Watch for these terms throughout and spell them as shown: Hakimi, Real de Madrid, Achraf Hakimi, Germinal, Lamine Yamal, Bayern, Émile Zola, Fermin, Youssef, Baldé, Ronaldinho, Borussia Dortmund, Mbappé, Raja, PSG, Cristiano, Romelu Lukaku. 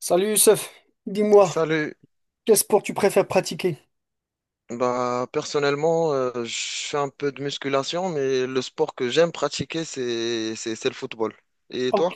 Salut Youssef, dis-moi, Salut. quel sport tu préfères pratiquer? Bah, personnellement, je fais un peu de musculation, mais le sport que j'aime pratiquer, c'est le football. Et Oh, toi?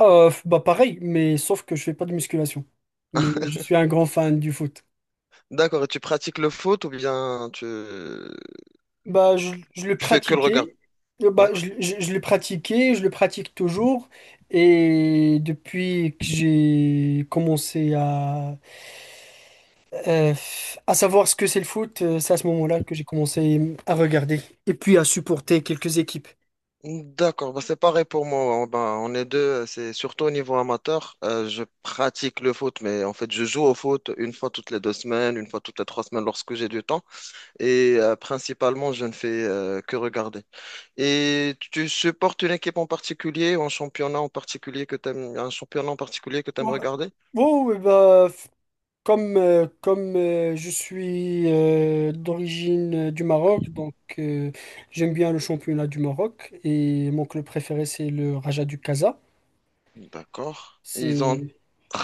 bah pareil, mais sauf que je fais pas de musculation. Mais je suis un grand fan du foot. D'accord, et tu pratiques le foot ou bien tu, Je le tu fais que le regard? pratiquais. Oui. Je le pratiquais, je le pratique toujours. Et depuis que j'ai commencé euh, à savoir ce que c'est le foot, c'est à ce moment-là que j'ai commencé à regarder et puis à supporter quelques équipes. D'accord, bah, c'est pareil pour moi. Bah, on est deux, c'est surtout au niveau amateur. Je pratique le foot, mais en fait, je joue au foot une fois toutes les deux semaines, une fois toutes les trois semaines lorsque j'ai du temps. Et principalement, je ne fais que regarder. Et tu supportes une équipe en particulier ou un championnat en particulier que t'aimes, un championnat en particulier que t'aimes Ouais. regarder? Oh, oui, bah, comme je suis d'origine du Maroc, donc j'aime bien le championnat du Maroc et mon club préféré c'est le Raja du Casa. D'accord. Ils ont C'est, un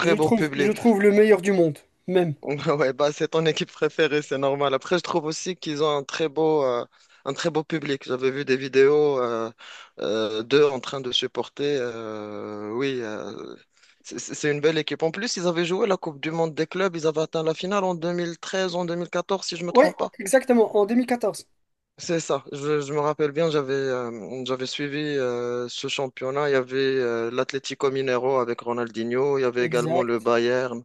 je le beau trouve, je le public. trouve le meilleur du monde, même. Ouais, bah c'est ton équipe préférée, c'est normal. Après, je trouve aussi qu'ils ont un très beau public. J'avais vu des vidéos d'eux en train de supporter. Oui, c'est une belle équipe. En plus, ils avaient joué la Coupe du Monde des clubs. Ils avaient atteint la finale en 2013, en 2014, si je me Oui, trompe pas. exactement, en 2014. C'est ça, je me rappelle bien, j'avais j'avais suivi ce championnat. Il y avait l'Atlético Mineiro avec Ronaldinho, il y avait également le Exact, Bayern.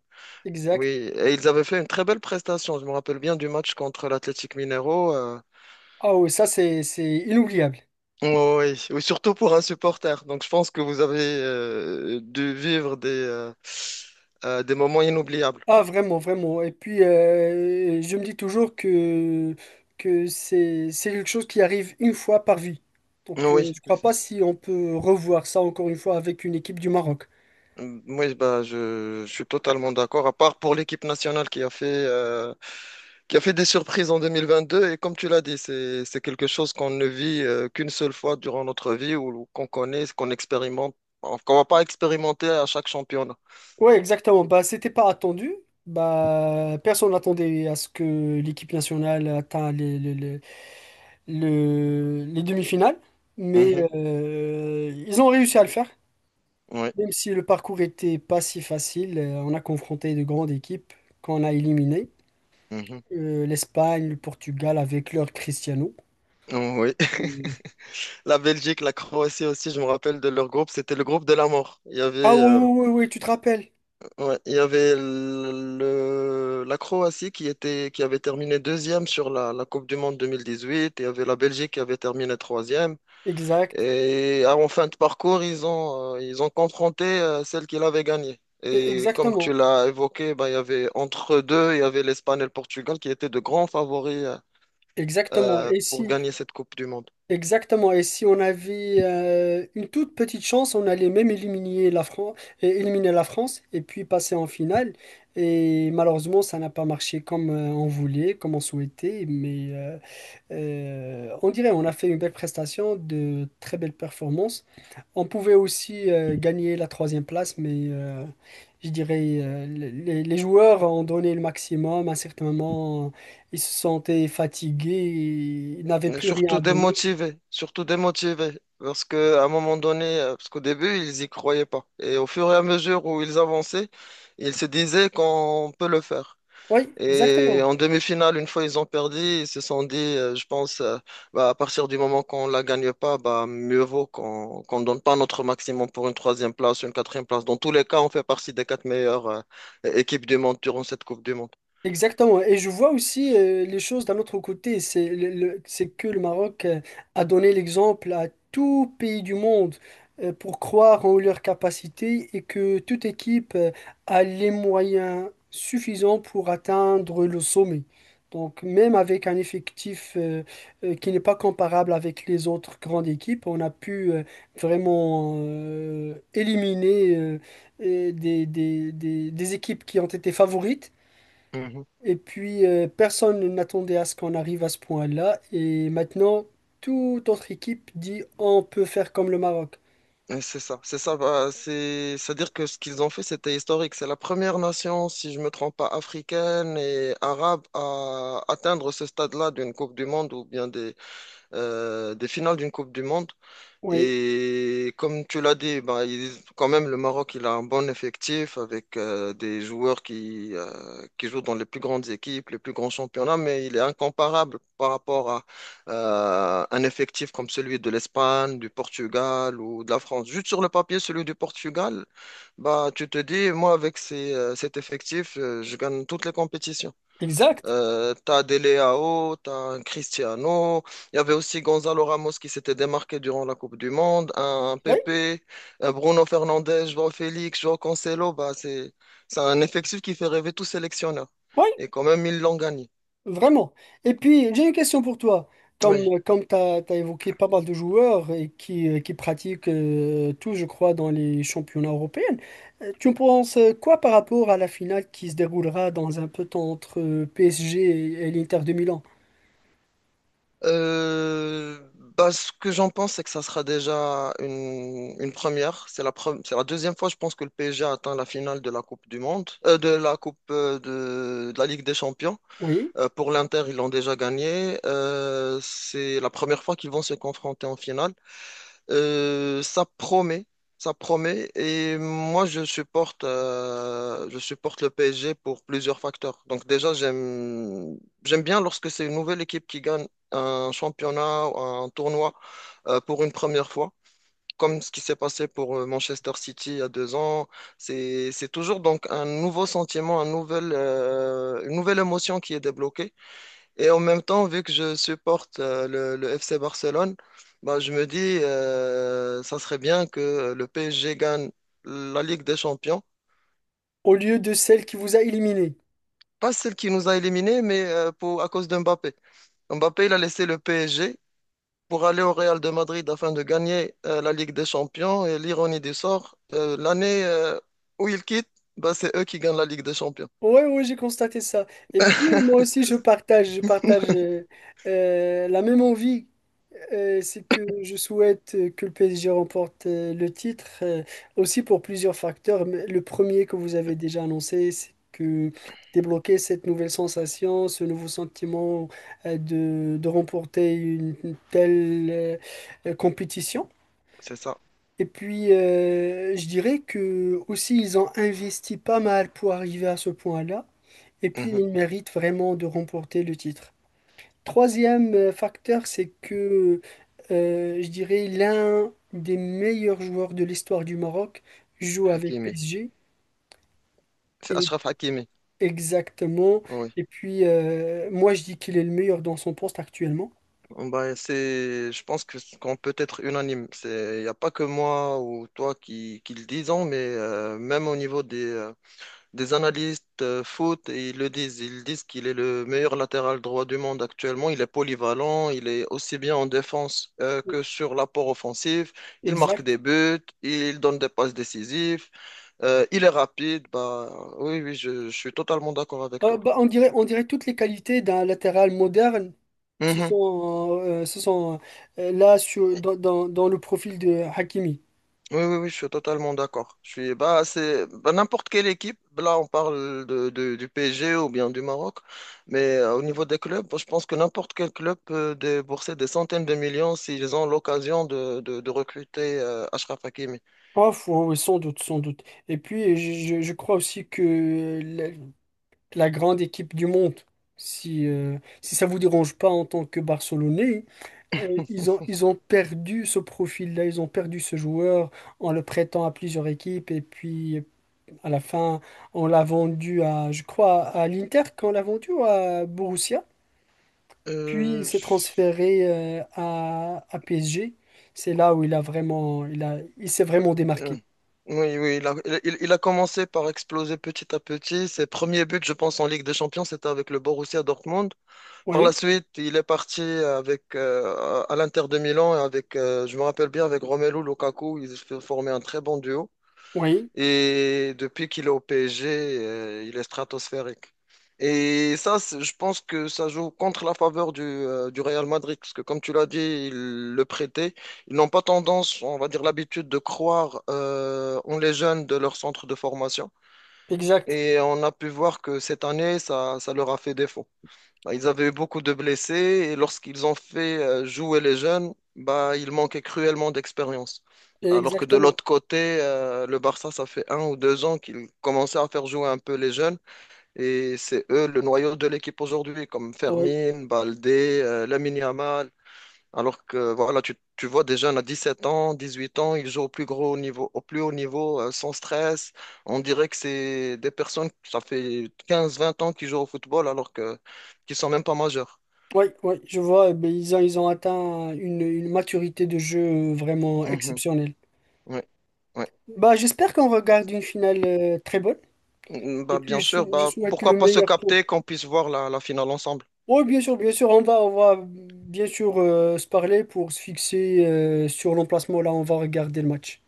Oui, exact. et ils avaient fait une très belle prestation. Je me rappelle bien du match contre l'Atlético Mineiro. Ah oui, ça c'est inoubliable. Oui, oui, surtout pour un supporter. Donc je pense que vous avez dû vivre des moments inoubliables. Ah, vraiment, vraiment. Et puis, je me dis toujours que, c'est quelque chose qui arrive une fois par vie. Donc, Oui. je crois pas si on peut revoir ça encore une fois avec une équipe du Maroc. Mm, oui, bah, je suis totalement d'accord, à part pour l'équipe nationale qui a fait des surprises en 2022. Et comme tu l'as dit, c'est quelque chose qu'on ne vit qu'une seule fois durant notre vie ou qu'on connaît, qu'on expérimente, enfin, qu'on va pas expérimenter à chaque championnat. Ouais, exactement. Bah, c'était pas attendu. Bah, personne n'attendait à ce que l'équipe nationale atteigne les demi-finales. Mais Mhm, euh, ils ont réussi à le faire. oui, Même si le parcours était pas si facile, on a confronté de grandes équipes qu'on a éliminées. mhm, L'Espagne, le Portugal avec leur Cristiano. oui. Euh, La Belgique, la Croatie aussi, je me rappelle de leur groupe, c'était le groupe de la mort. Il y avait, Ah oui, oui, oui, oui, tu te rappelles. ouais, il y avait le, la Croatie qui était, qui avait terminé deuxième sur la, la Coupe du Monde 2018. Il y avait la Belgique qui avait terminé troisième. Exact. Et ah, en fin de parcours, ils ont confronté celle qui l'avait gagnée. Et comme tu Exactement. l'as évoqué, bah, il y avait entre deux, il y avait l'Espagne et le Portugal qui étaient de grands favoris Exactement. Et si, pour gagner cette Coupe du Monde? exactement. Et si on avait une toute petite chance, on allait même éliminer la France et puis passer en finale. Et malheureusement, ça n'a pas marché comme on voulait, comme on souhaitait. Mais on dirait on a fait une belle prestation, de très belles performances. On pouvait aussi gagner la troisième place, mais je dirais les joueurs ont donné le maximum. À un certain moment, ils se sentaient fatigués, ils n'avaient Et plus rien surtout à donner. démotivés, surtout démotivés, parce que à un moment donné, parce qu'au début, ils y croyaient pas. Et au fur et à mesure où ils avançaient, ils se disaient qu'on peut le faire. Oui, Et exactement. en demi-finale, une fois ils ont perdu, ils se sont dit, je pense, bah, à partir du moment qu'on la gagne pas, bah, mieux vaut qu'on donne pas notre maximum pour une troisième place, une quatrième place. Dans tous les cas, on fait partie des quatre meilleures équipes du monde durant cette Coupe du Monde. Exactement. Et je vois aussi les choses d'un autre côté. C'est que le Maroc a donné l'exemple à tout pays du monde pour croire en leurs capacités et que toute équipe a les moyens suffisants pour atteindre le sommet. Donc même avec un effectif qui n'est pas comparable avec les autres grandes équipes, on a pu vraiment éliminer des équipes qui ont été favorites. Mhm. Et puis, personne n'attendait à ce qu'on arrive à ce point-là. Et maintenant, toute autre équipe dit on peut faire comme le Maroc. Et c'est ça, c'est ça. Bah, c'est, c'est-à-dire que ce qu'ils ont fait, c'était historique. C'est la première nation, si je me trompe pas, africaine et arabe à atteindre ce stade-là d'une Coupe du Monde ou bien des finales d'une Coupe du Monde. Oui, Et comme tu l'as dit, bah, quand même, le Maroc, il a un bon effectif avec des joueurs qui jouent dans les plus grandes équipes, les plus grands championnats, mais il est incomparable par rapport à un effectif comme celui de l'Espagne, du Portugal ou de la France. Juste sur le papier, celui du Portugal, bah, tu te dis, moi, avec ces, cet effectif, je gagne toutes les compétitions. exact. T'as Dele Alli, t'as un Cristiano. Il y avait aussi Gonzalo Ramos qui s'était démarqué durant la Coupe du Monde, un Oui, Pepe, un Bruno Fernandes, João Félix, João Cancelo. Bah, c'est un effectif qui fait rêver tout sélectionneur. oui, Et quand même, ils l'ont gagné. vraiment. Et puis, j'ai une question pour toi. Oui. Comme tu as évoqué pas mal de joueurs et qui pratiquent tout, je crois, dans les championnats européens, tu en penses quoi par rapport à la finale qui se déroulera dans un peu de temps entre PSG et l'Inter de Milan? Euh, Bah, ce que j'en pense, c'est que ça sera déjà une première. C'est la deuxième fois, je pense, que le PSG a atteint la finale de la Coupe du Monde, de la Coupe de la Ligue des Champions. Oui, Pour l'Inter, ils l'ont déjà gagné. C'est la première fois qu'ils vont se confronter en finale. Ça promet, ça promet. Et moi, je supporte le PSG pour plusieurs facteurs. Donc déjà, j'aime, j'aime bien lorsque c'est une nouvelle équipe qui gagne un championnat, ou un tournoi pour une première fois. Comme ce qui s'est passé pour Manchester City il y a deux ans, c'est toujours donc un nouveau sentiment, un nouvel, une nouvelle émotion qui est débloquée. Et en même temps, vu que je supporte le FC Barcelone, bah, je me dis, ça serait bien que le PSG gagne la Ligue des Champions. au lieu de celle qui vous a éliminé. Pas celle qui nous a éliminés, mais pour, à cause de Mbappé. Mbappé, il a laissé le PSG pour aller au Real de Madrid afin de gagner la Ligue des Champions. Et l'ironie du sort, l'année où il quitte, bah, c'est eux qui gagnent la Ligue des Champions. Oui, oui, j'ai constaté ça. Et puis, moi aussi, je partage la même envie. C'est que je souhaite que le PSG remporte le titre, aussi pour plusieurs facteurs. Mais le premier que vous avez déjà annoncé, c'est que débloquer cette nouvelle sensation, ce nouveau sentiment de remporter une telle compétition. C'est ça. Et puis, je dirais que aussi, ils ont investi pas mal pour arriver à ce point-là. Et puis, Mhm. il mérite vraiment de remporter le titre. Troisième facteur, c'est que je dirais l'un des meilleurs joueurs de l'histoire du Maroc joue avec Hakimi. PSG. C'est Et Achraf Hakimi. exactement. Oui. Et puis, moi, je dis qu'il est le meilleur dans son poste actuellement. Bah, c'est, je pense que ce qu'on peut être unanime. C'est, il n'y a pas que moi ou toi qui le disons, mais même au niveau des analystes foot, et ils le disent. Ils disent qu'il est le meilleur latéral droit du monde actuellement. Il est polyvalent, il est aussi bien en défense que sur l'apport offensif. Il marque des Exact. buts, il donne des passes décisives, il est rapide. Bah, oui, oui, je suis totalement d'accord avec toi. Bah, on dirait toutes les qualités d'un latéral moderne Mhm. Se sont là dans le profil de Hakimi. Oui, oui, oui, je suis totalement d'accord. Je suis, bah, c'est, bah, n'importe quelle équipe. Là, on parle du PSG ou bien du Maroc. Mais au niveau des clubs, je pense que n'importe quel club peut débourser des centaines de millions s'ils ont l'occasion de recruter Achraf Hakimi. Oh, oui, sans doute, sans doute. Et puis, je crois aussi que la grande équipe du monde, si, si ça vous dérange pas en tant que Barcelonais, ils ont perdu ce profil-là, ils ont perdu ce joueur en le prêtant à plusieurs équipes. Et puis, à la fin, on l'a vendu à, je crois, à l'Inter, qu'on l'a vendu ou à Borussia. Puis, il Euh, s'est je- transféré à PSG. C'est là où il a vraiment, il s'est vraiment euh, démarqué. Oui, oui, il a, il, il a commencé par exploser petit à petit. Ses premiers buts, je pense, en Ligue des Champions, c'était avec le Borussia Dortmund. Par Oui, la suite, il est parti avec à l'Inter de Milan et avec, je me rappelle bien, avec Romelu Lukaku, ils se formaient un très bon duo. oui. Et depuis qu'il est au PSG, il est stratosphérique. Et ça, c'est- je pense que ça joue contre la faveur du Real Madrid, parce que comme tu l'as dit, ils le prêtaient. Ils n'ont pas tendance, on va dire, l'habitude de croire en les jeunes de leur centre de formation. Exact, Et on a pu voir que cette année, ça leur a fait défaut. Bah, ils avaient eu beaucoup de blessés et lorsqu'ils ont fait jouer les jeunes, bah, ils manquaient cruellement d'expérience. Alors que de exactement. l'autre côté, le Barça, ça fait un ou deux ans qu'ils commençaient à faire jouer un peu les jeunes et c'est eux le noyau de l'équipe aujourd'hui, comme Oui, Fermin, Baldé, Lamine Yamal. Alors que voilà, tu vois des jeunes à 17 ans, 18 ans, ils jouent au plus gros niveau, au plus haut niveau, sans stress. On dirait que c'est des personnes, ça fait 15, 20 ans qu'ils jouent au football alors que qu'ils sont même pas majeurs. oui, oui, je vois, eh ben, ils ont atteint une maturité de jeu vraiment Mhm. exceptionnelle. Ouais, ouais. Bah, j'espère qu'on regarde une finale très bonne Mm, et bah, puis bien sûr, je bah, souhaite pourquoi le pas se meilleur pour. capter, qu'on puisse voir la, la finale ensemble. Oui, bien sûr, on va bien sûr se parler pour se fixer sur l'emplacement. Là, on va regarder le match.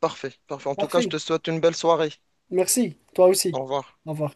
Parfait, parfait. En tout cas, je Parfait, te souhaite une belle soirée. merci, toi aussi. Au revoir. Au revoir.